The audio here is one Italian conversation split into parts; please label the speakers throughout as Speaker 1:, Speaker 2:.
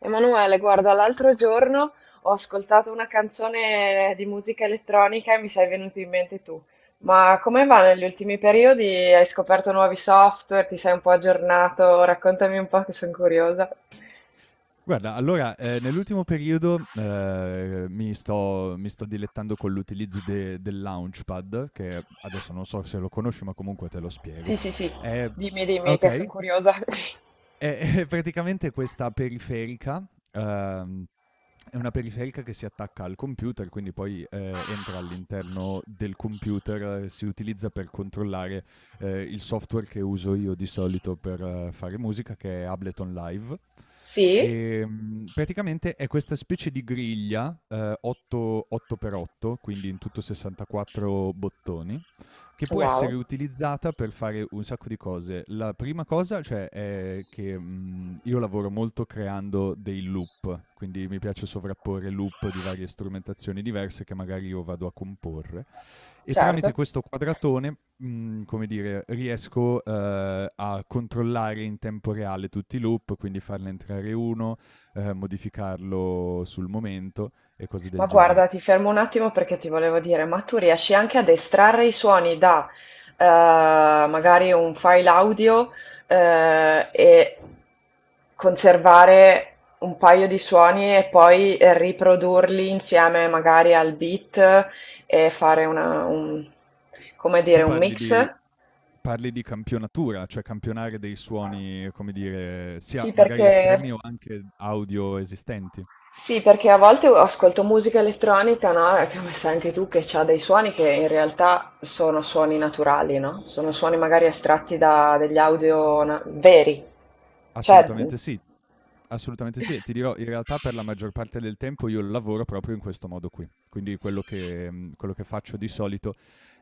Speaker 1: Emanuele, guarda, l'altro giorno ho ascoltato una canzone di musica elettronica e mi sei venuto in mente tu. Ma come va negli ultimi periodi? Hai scoperto nuovi software? Ti sei un po' aggiornato? Raccontami un po' che sono curiosa.
Speaker 2: Guarda, allora, nell'ultimo periodo, mi sto dilettando con l'utilizzo de del Launchpad, che adesso non so se lo conosci, ma comunque te lo spiego.
Speaker 1: Sì, sì, sì,
Speaker 2: Ehm
Speaker 1: dimmi, dimmi che sono
Speaker 2: okay.
Speaker 1: curiosa.
Speaker 2: Praticamente questa periferica, ehm, è una periferica che si attacca al computer, quindi poi, entra all'interno del computer, si utilizza per controllare, il software che uso io di solito per fare musica, che è Ableton Live.
Speaker 1: Sì?
Speaker 2: Praticamente è questa specie di griglia, 8 per 8, quindi in tutto 64 bottoni che può essere
Speaker 1: Wow,
Speaker 2: utilizzata per fare un sacco di cose. La prima cosa, cioè, è che, io lavoro molto creando dei loop, quindi mi piace sovrapporre loop di varie strumentazioni diverse che magari io vado a comporre e tramite
Speaker 1: certo.
Speaker 2: questo quadratone, come dire, riesco, a controllare in tempo reale tutti i loop, quindi farne entrare 1, modificarlo sul momento e cose
Speaker 1: Ma
Speaker 2: del
Speaker 1: guarda,
Speaker 2: genere.
Speaker 1: ti fermo un attimo perché ti volevo dire, ma tu riesci anche ad estrarre i suoni da magari un file audio e conservare un paio di suoni e poi riprodurli insieme magari al beat e fare come dire,
Speaker 2: Tu
Speaker 1: un
Speaker 2: parli di
Speaker 1: mix?
Speaker 2: Parli di campionatura, cioè campionare dei suoni, come dire, sia
Speaker 1: Sì,
Speaker 2: magari esterni
Speaker 1: perché...
Speaker 2: o anche audio esistenti.
Speaker 1: Sì, perché a volte ascolto musica elettronica, no, e come sai anche tu, che ha dei suoni che in realtà sono suoni naturali, no? Sono suoni magari estratti da degli audio veri. Cioè,
Speaker 2: Assolutamente sì, assolutamente sì. E ti dirò, in realtà per la maggior parte del tempo io lavoro proprio in questo modo qui. Quindi quello che faccio di solito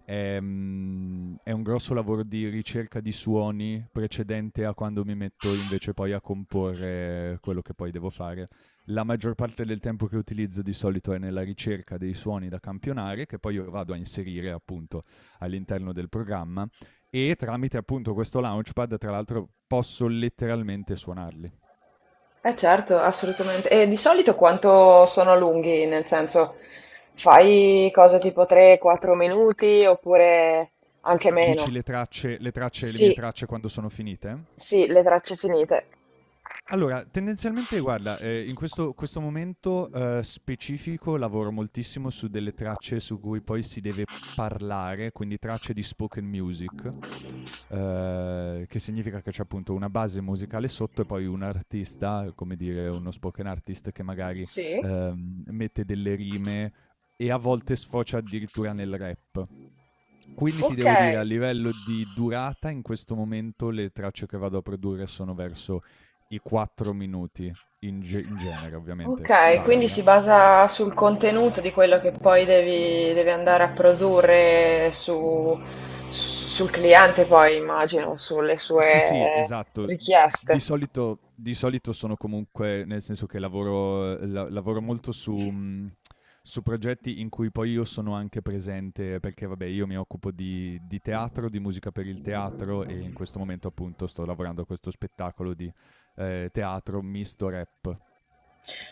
Speaker 2: è, è un grosso lavoro di ricerca di suoni precedente a quando mi metto invece poi a comporre quello che poi devo fare. La maggior parte del tempo che utilizzo di solito è nella ricerca dei suoni da campionare, che poi io vado a inserire appunto all'interno del programma e tramite appunto questo launchpad, tra l'altro, posso letteralmente suonarli.
Speaker 1: eh certo, assolutamente. E di solito quanto sono lunghi? Nel senso, fai cose tipo 3-4 minuti oppure anche
Speaker 2: Dici
Speaker 1: meno?
Speaker 2: le tracce, le mie
Speaker 1: Sì,
Speaker 2: tracce quando sono finite?
Speaker 1: sì, le tracce finite.
Speaker 2: Allora, tendenzialmente guarda, in questo momento, specifico lavoro moltissimo su delle tracce su cui poi si deve parlare, quindi tracce di spoken music, che significa che c'è appunto una base musicale sotto e poi un artista, come dire uno spoken artist che magari,
Speaker 1: Sì,
Speaker 2: mette delle rime e a volte sfocia addirittura nel rap. Quindi ti
Speaker 1: ok.
Speaker 2: devo dire a livello di durata in questo momento le tracce che vado a produrre sono verso i 4 minuti, in genere ovviamente
Speaker 1: Ok, quindi
Speaker 2: varia.
Speaker 1: si basa sul contenuto di quello che poi devi andare a sul cliente, poi immagino, sulle
Speaker 2: Sì, sì,
Speaker 1: sue
Speaker 2: esatto.
Speaker 1: richieste.
Speaker 2: Di solito sono comunque, nel senso che lavoro, lavoro molto su, su progetti in cui poi io sono anche presente, perché vabbè, io mi occupo di teatro, di musica per il teatro e in questo momento appunto sto lavorando a questo spettacolo di teatro misto rap.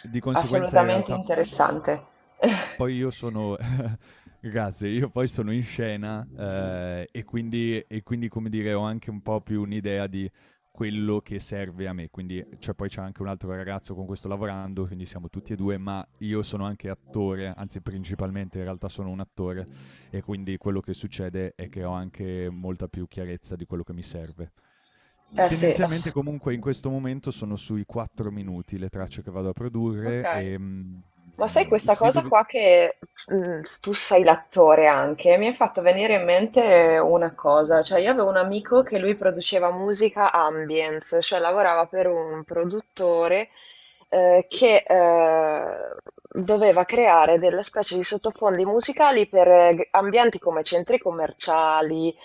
Speaker 2: Di conseguenza in
Speaker 1: Assolutamente
Speaker 2: realtà
Speaker 1: interessante.
Speaker 2: poi io sono Grazie, io poi sono in scena, e quindi, come dire, ho anche un po' più un'idea di quello che serve a me. Poi c'è anche un altro ragazzo con cui sto lavorando, quindi siamo tutti e 2, ma io sono anche attore, anzi principalmente in realtà sono un attore, e quindi quello che succede è che ho anche molta più chiarezza di quello che mi serve.
Speaker 1: Eh sì,
Speaker 2: Tendenzialmente
Speaker 1: ass-
Speaker 2: comunque in questo momento sono sui 4 minuti le tracce che vado a produrre,
Speaker 1: ok. Ma sai questa
Speaker 2: se
Speaker 1: cosa
Speaker 2: dove
Speaker 1: qua che tu sei l'attore anche, mi ha fatto venire in mente una cosa, cioè io avevo un amico che lui produceva musica ambience, cioè lavorava per un produttore che doveva creare delle specie di sottofondi musicali per ambienti come centri commerciali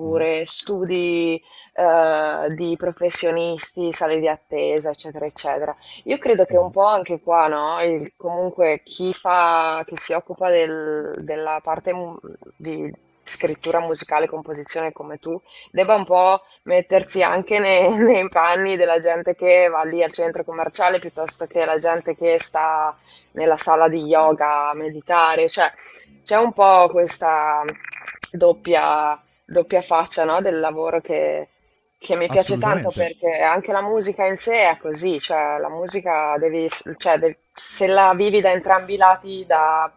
Speaker 2: mh-mh,
Speaker 1: studi di professionisti, sale di attesa, eccetera, eccetera. Io credo che un
Speaker 2: mh-mh.
Speaker 1: po' anche qua, no? Comunque chi fa, chi si occupa della parte di scrittura musicale, composizione come tu, debba un po' mettersi anche nei, nei panni della gente che va lì al centro commerciale piuttosto che la gente che sta nella sala di yoga a meditare. Cioè, c'è un po' questa doppia faccia, no? Del lavoro che mi piace tanto
Speaker 2: Assolutamente.
Speaker 1: perché anche la musica in sé è così, cioè la musica devi, se la vivi da entrambi i lati, da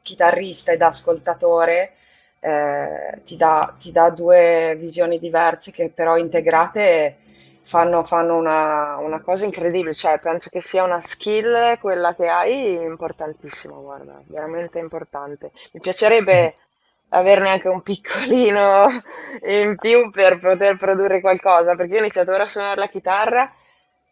Speaker 1: chitarrista e da ascoltatore, ti dà due visioni diverse che però integrate fanno una cosa incredibile, cioè penso che sia una skill quella che hai importantissima, guarda, veramente importante. Mi piacerebbe averne anche un piccolino e in più per poter produrre qualcosa, perché io ho iniziato ora a suonare la chitarra,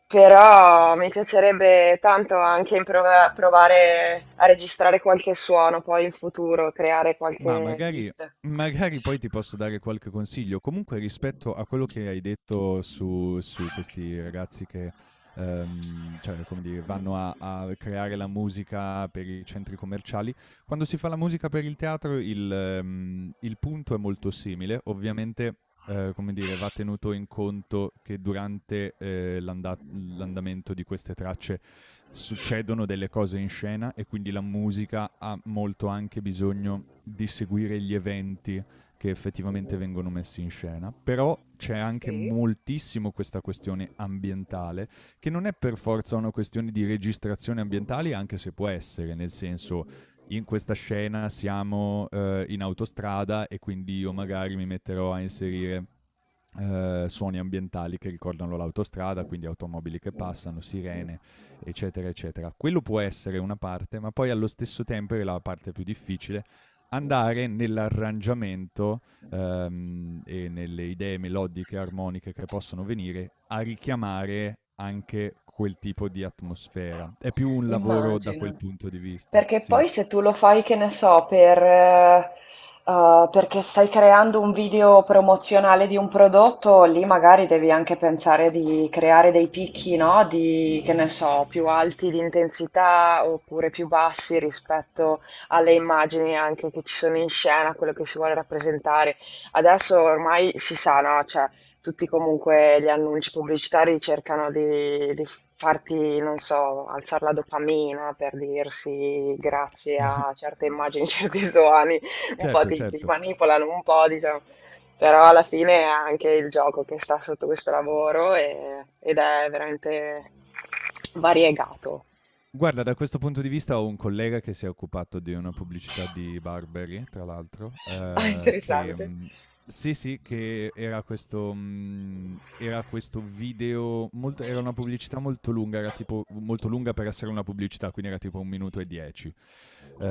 Speaker 1: però mi piacerebbe tanto anche provare a registrare qualche suono poi in futuro, creare
Speaker 2: Ma
Speaker 1: qualche beat.
Speaker 2: magari poi ti posso dare qualche consiglio. Comunque rispetto a quello che hai detto su questi ragazzi che, come dire, vanno a creare la musica per i centri commerciali. Quando si fa la musica per il teatro il punto è molto simile, ovviamente come dire, va tenuto in conto che durante l'andamento di queste tracce succedono delle cose in scena e quindi la musica ha molto anche bisogno di seguire gli eventi che effettivamente vengono messi in scena, però c'è anche
Speaker 1: Sì.
Speaker 2: moltissimo questa questione ambientale, che non è per forza una questione di registrazioni ambientali, anche se può essere, nel senso in questa scena siamo in autostrada e quindi io magari mi metterò a inserire suoni ambientali che ricordano l'autostrada, quindi automobili che passano, sirene, eccetera, eccetera. Quello può essere una parte, ma poi allo stesso tempo è la parte più difficile andare nell'arrangiamento e nelle idee melodiche, armoniche che possono venire a richiamare anche quel tipo di atmosfera. È più un lavoro da quel
Speaker 1: Immagino.
Speaker 2: punto di vista,
Speaker 1: Perché
Speaker 2: sì.
Speaker 1: poi se tu lo fai, che ne so, perché stai creando un video promozionale di un prodotto, lì magari devi anche pensare di creare dei picchi, no? Di, che ne so, più alti di intensità oppure più bassi rispetto alle immagini anche che ci sono in scena, quello che si vuole rappresentare. Adesso ormai si sa, no? Cioè, tutti comunque gli annunci pubblicitari cercano di farti, non so, alzare la dopamina per dirsi grazie a certe immagini, certi suoni, un po'
Speaker 2: Certo,
Speaker 1: ti
Speaker 2: certo.
Speaker 1: manipolano un po', diciamo, però alla fine è anche il gioco che sta sotto questo lavoro ed è veramente variegato.
Speaker 2: Guarda, da questo punto di vista ho un collega che si è occupato di una pubblicità di Burberry, tra l'altro,
Speaker 1: Ah, interessante.
Speaker 2: sì, sì, che era questo video molto era una pubblicità molto lunga, era tipo molto lunga per essere una pubblicità, quindi era tipo 1 minuto e 10.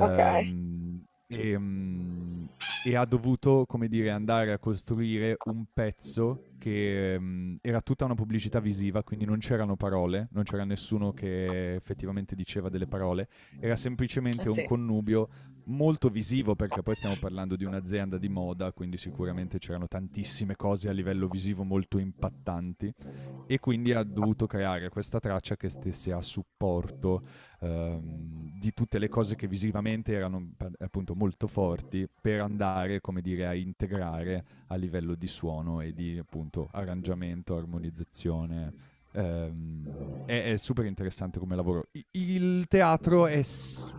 Speaker 1: Ok, eh
Speaker 2: e, mhmm e ha dovuto, come dire, andare a costruire un pezzo che era tutta una pubblicità visiva, quindi non c'erano parole, non c'era nessuno che effettivamente diceva delle parole, era semplicemente un
Speaker 1: sì,
Speaker 2: connubio molto visivo perché poi stiamo parlando di un'azienda di moda, quindi sicuramente c'erano tantissime cose a livello visivo molto impattanti e quindi ha dovuto creare questa traccia che stesse a supporto di tutte le cose che visivamente erano appunto molto forti per andare, come dire, a integrare a livello di suono e di appunto arrangiamento, armonizzazione. È super interessante come lavoro. Il teatro è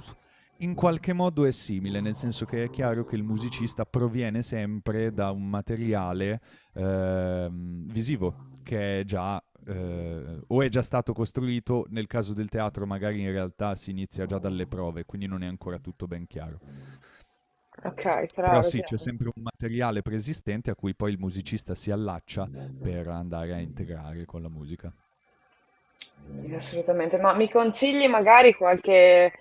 Speaker 2: in qualche modo è simile, nel senso che è chiaro che il musicista proviene sempre da un materiale visivo, che è già o è già stato costruito, nel caso del teatro magari in realtà si inizia già dalle prove, quindi non è ancora tutto ben chiaro.
Speaker 1: ok,
Speaker 2: Però
Speaker 1: chiaro,
Speaker 2: sì, c'è
Speaker 1: chiaro.
Speaker 2: sempre un materiale preesistente a cui poi il musicista si allaccia per andare a integrare con la musica.
Speaker 1: Sì, assolutamente, ma mi consigli magari qualche,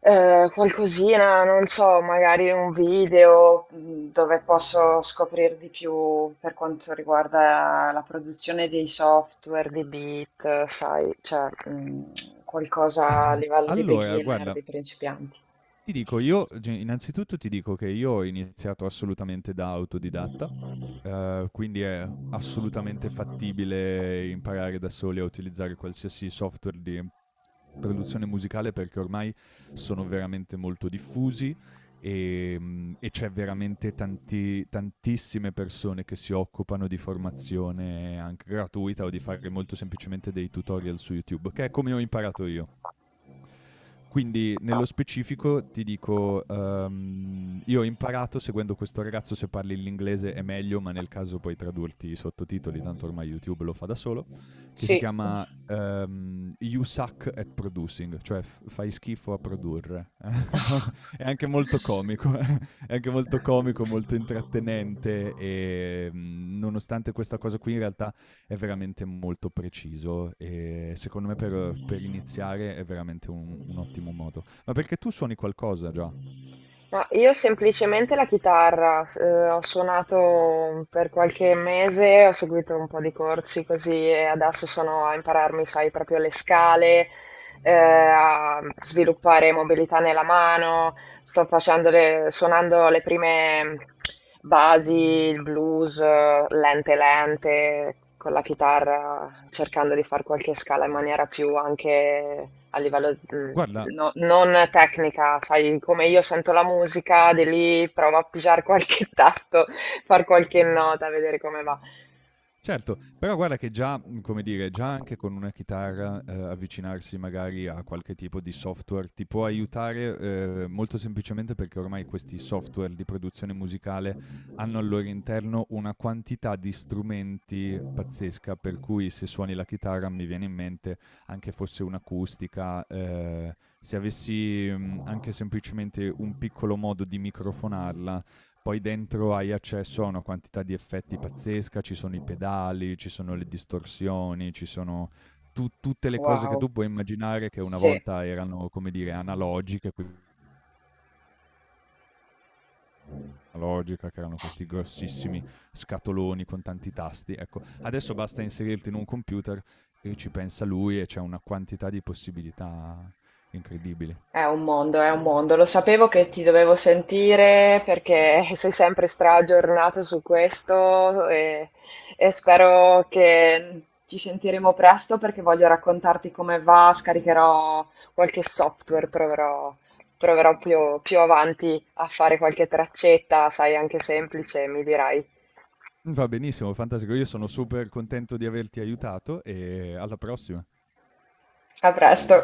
Speaker 1: qualcosina, non so, magari un video dove posso scoprire di più per quanto riguarda la produzione dei software, di beat, sai, qualcosa a livello di
Speaker 2: Allora,
Speaker 1: beginner,
Speaker 2: guarda,
Speaker 1: di principianti.
Speaker 2: ti dico, io ge innanzitutto ti dico che io ho iniziato assolutamente da autodidatta, quindi è assolutamente fattibile imparare da soli a utilizzare qualsiasi software di produzione musicale, perché ormai sono veramente molto diffusi, e c'è veramente tantissime persone che si occupano di formazione anche gratuita o di fare molto semplicemente dei tutorial su YouTube, che è come ho imparato io. Quindi nello specifico ti dico, io ho imparato seguendo questo ragazzo, se parli l'inglese è meglio, ma nel caso puoi tradurti i sottotitoli, tanto ormai YouTube lo fa da solo, che si
Speaker 1: Sì.
Speaker 2: chiama You Suck at Producing, cioè fai schifo a produrre. È anche molto
Speaker 1: Sì.
Speaker 2: comico, è anche molto comico, molto intrattenente e nonostante questa cosa qui in realtà è veramente molto preciso e secondo me per iniziare è veramente un ottimo modo. Ma perché tu suoni qualcosa già?
Speaker 1: Ma io semplicemente la chitarra, ho suonato per qualche mese, ho seguito un po' di corsi così e adesso sono a impararmi, sai, proprio le scale, a sviluppare mobilità nella mano, sto facendo suonando le prime basi, il blues, lente lente, con la chitarra, cercando di fare qualche scala in maniera più anche a livello,
Speaker 2: Guarda,
Speaker 1: Non tecnica, sai, come io sento la musica, di lì provo a pigiare qualche tasto, far qualche nota, vedere come va.
Speaker 2: certo, però guarda che già, come dire, già anche con una chitarra, avvicinarsi magari a qualche tipo di software ti può aiutare, molto semplicemente perché ormai questi software di produzione musicale hanno al loro interno una quantità di strumenti pazzesca, per cui se suoni la chitarra mi viene in mente anche fosse un'acustica, se avessi, anche semplicemente un piccolo modo di microfonarla, poi dentro hai accesso a una quantità di effetti pazzesca, ci sono i pedali, ci sono le distorsioni, ci sono tutte le cose che
Speaker 1: Wow,
Speaker 2: tu puoi immaginare che una
Speaker 1: sì.
Speaker 2: volta erano, come dire, analogiche, quindi analogica, che erano questi grossissimi scatoloni con tanti tasti. Ecco, adesso basta inserirti in un computer e ci pensa lui e c'è una quantità di possibilità incredibili.
Speaker 1: È un mondo, è un mondo. Lo sapevo che ti dovevo sentire perché sei sempre straaggiornato su questo e spero che ci sentiremo presto perché voglio raccontarti come va, scaricherò qualche software, proverò, proverò più avanti a fare qualche traccetta, sai, anche semplice, mi dirai.
Speaker 2: Va benissimo, fantastico. Io sono super contento di averti aiutato e alla prossima.
Speaker 1: A presto.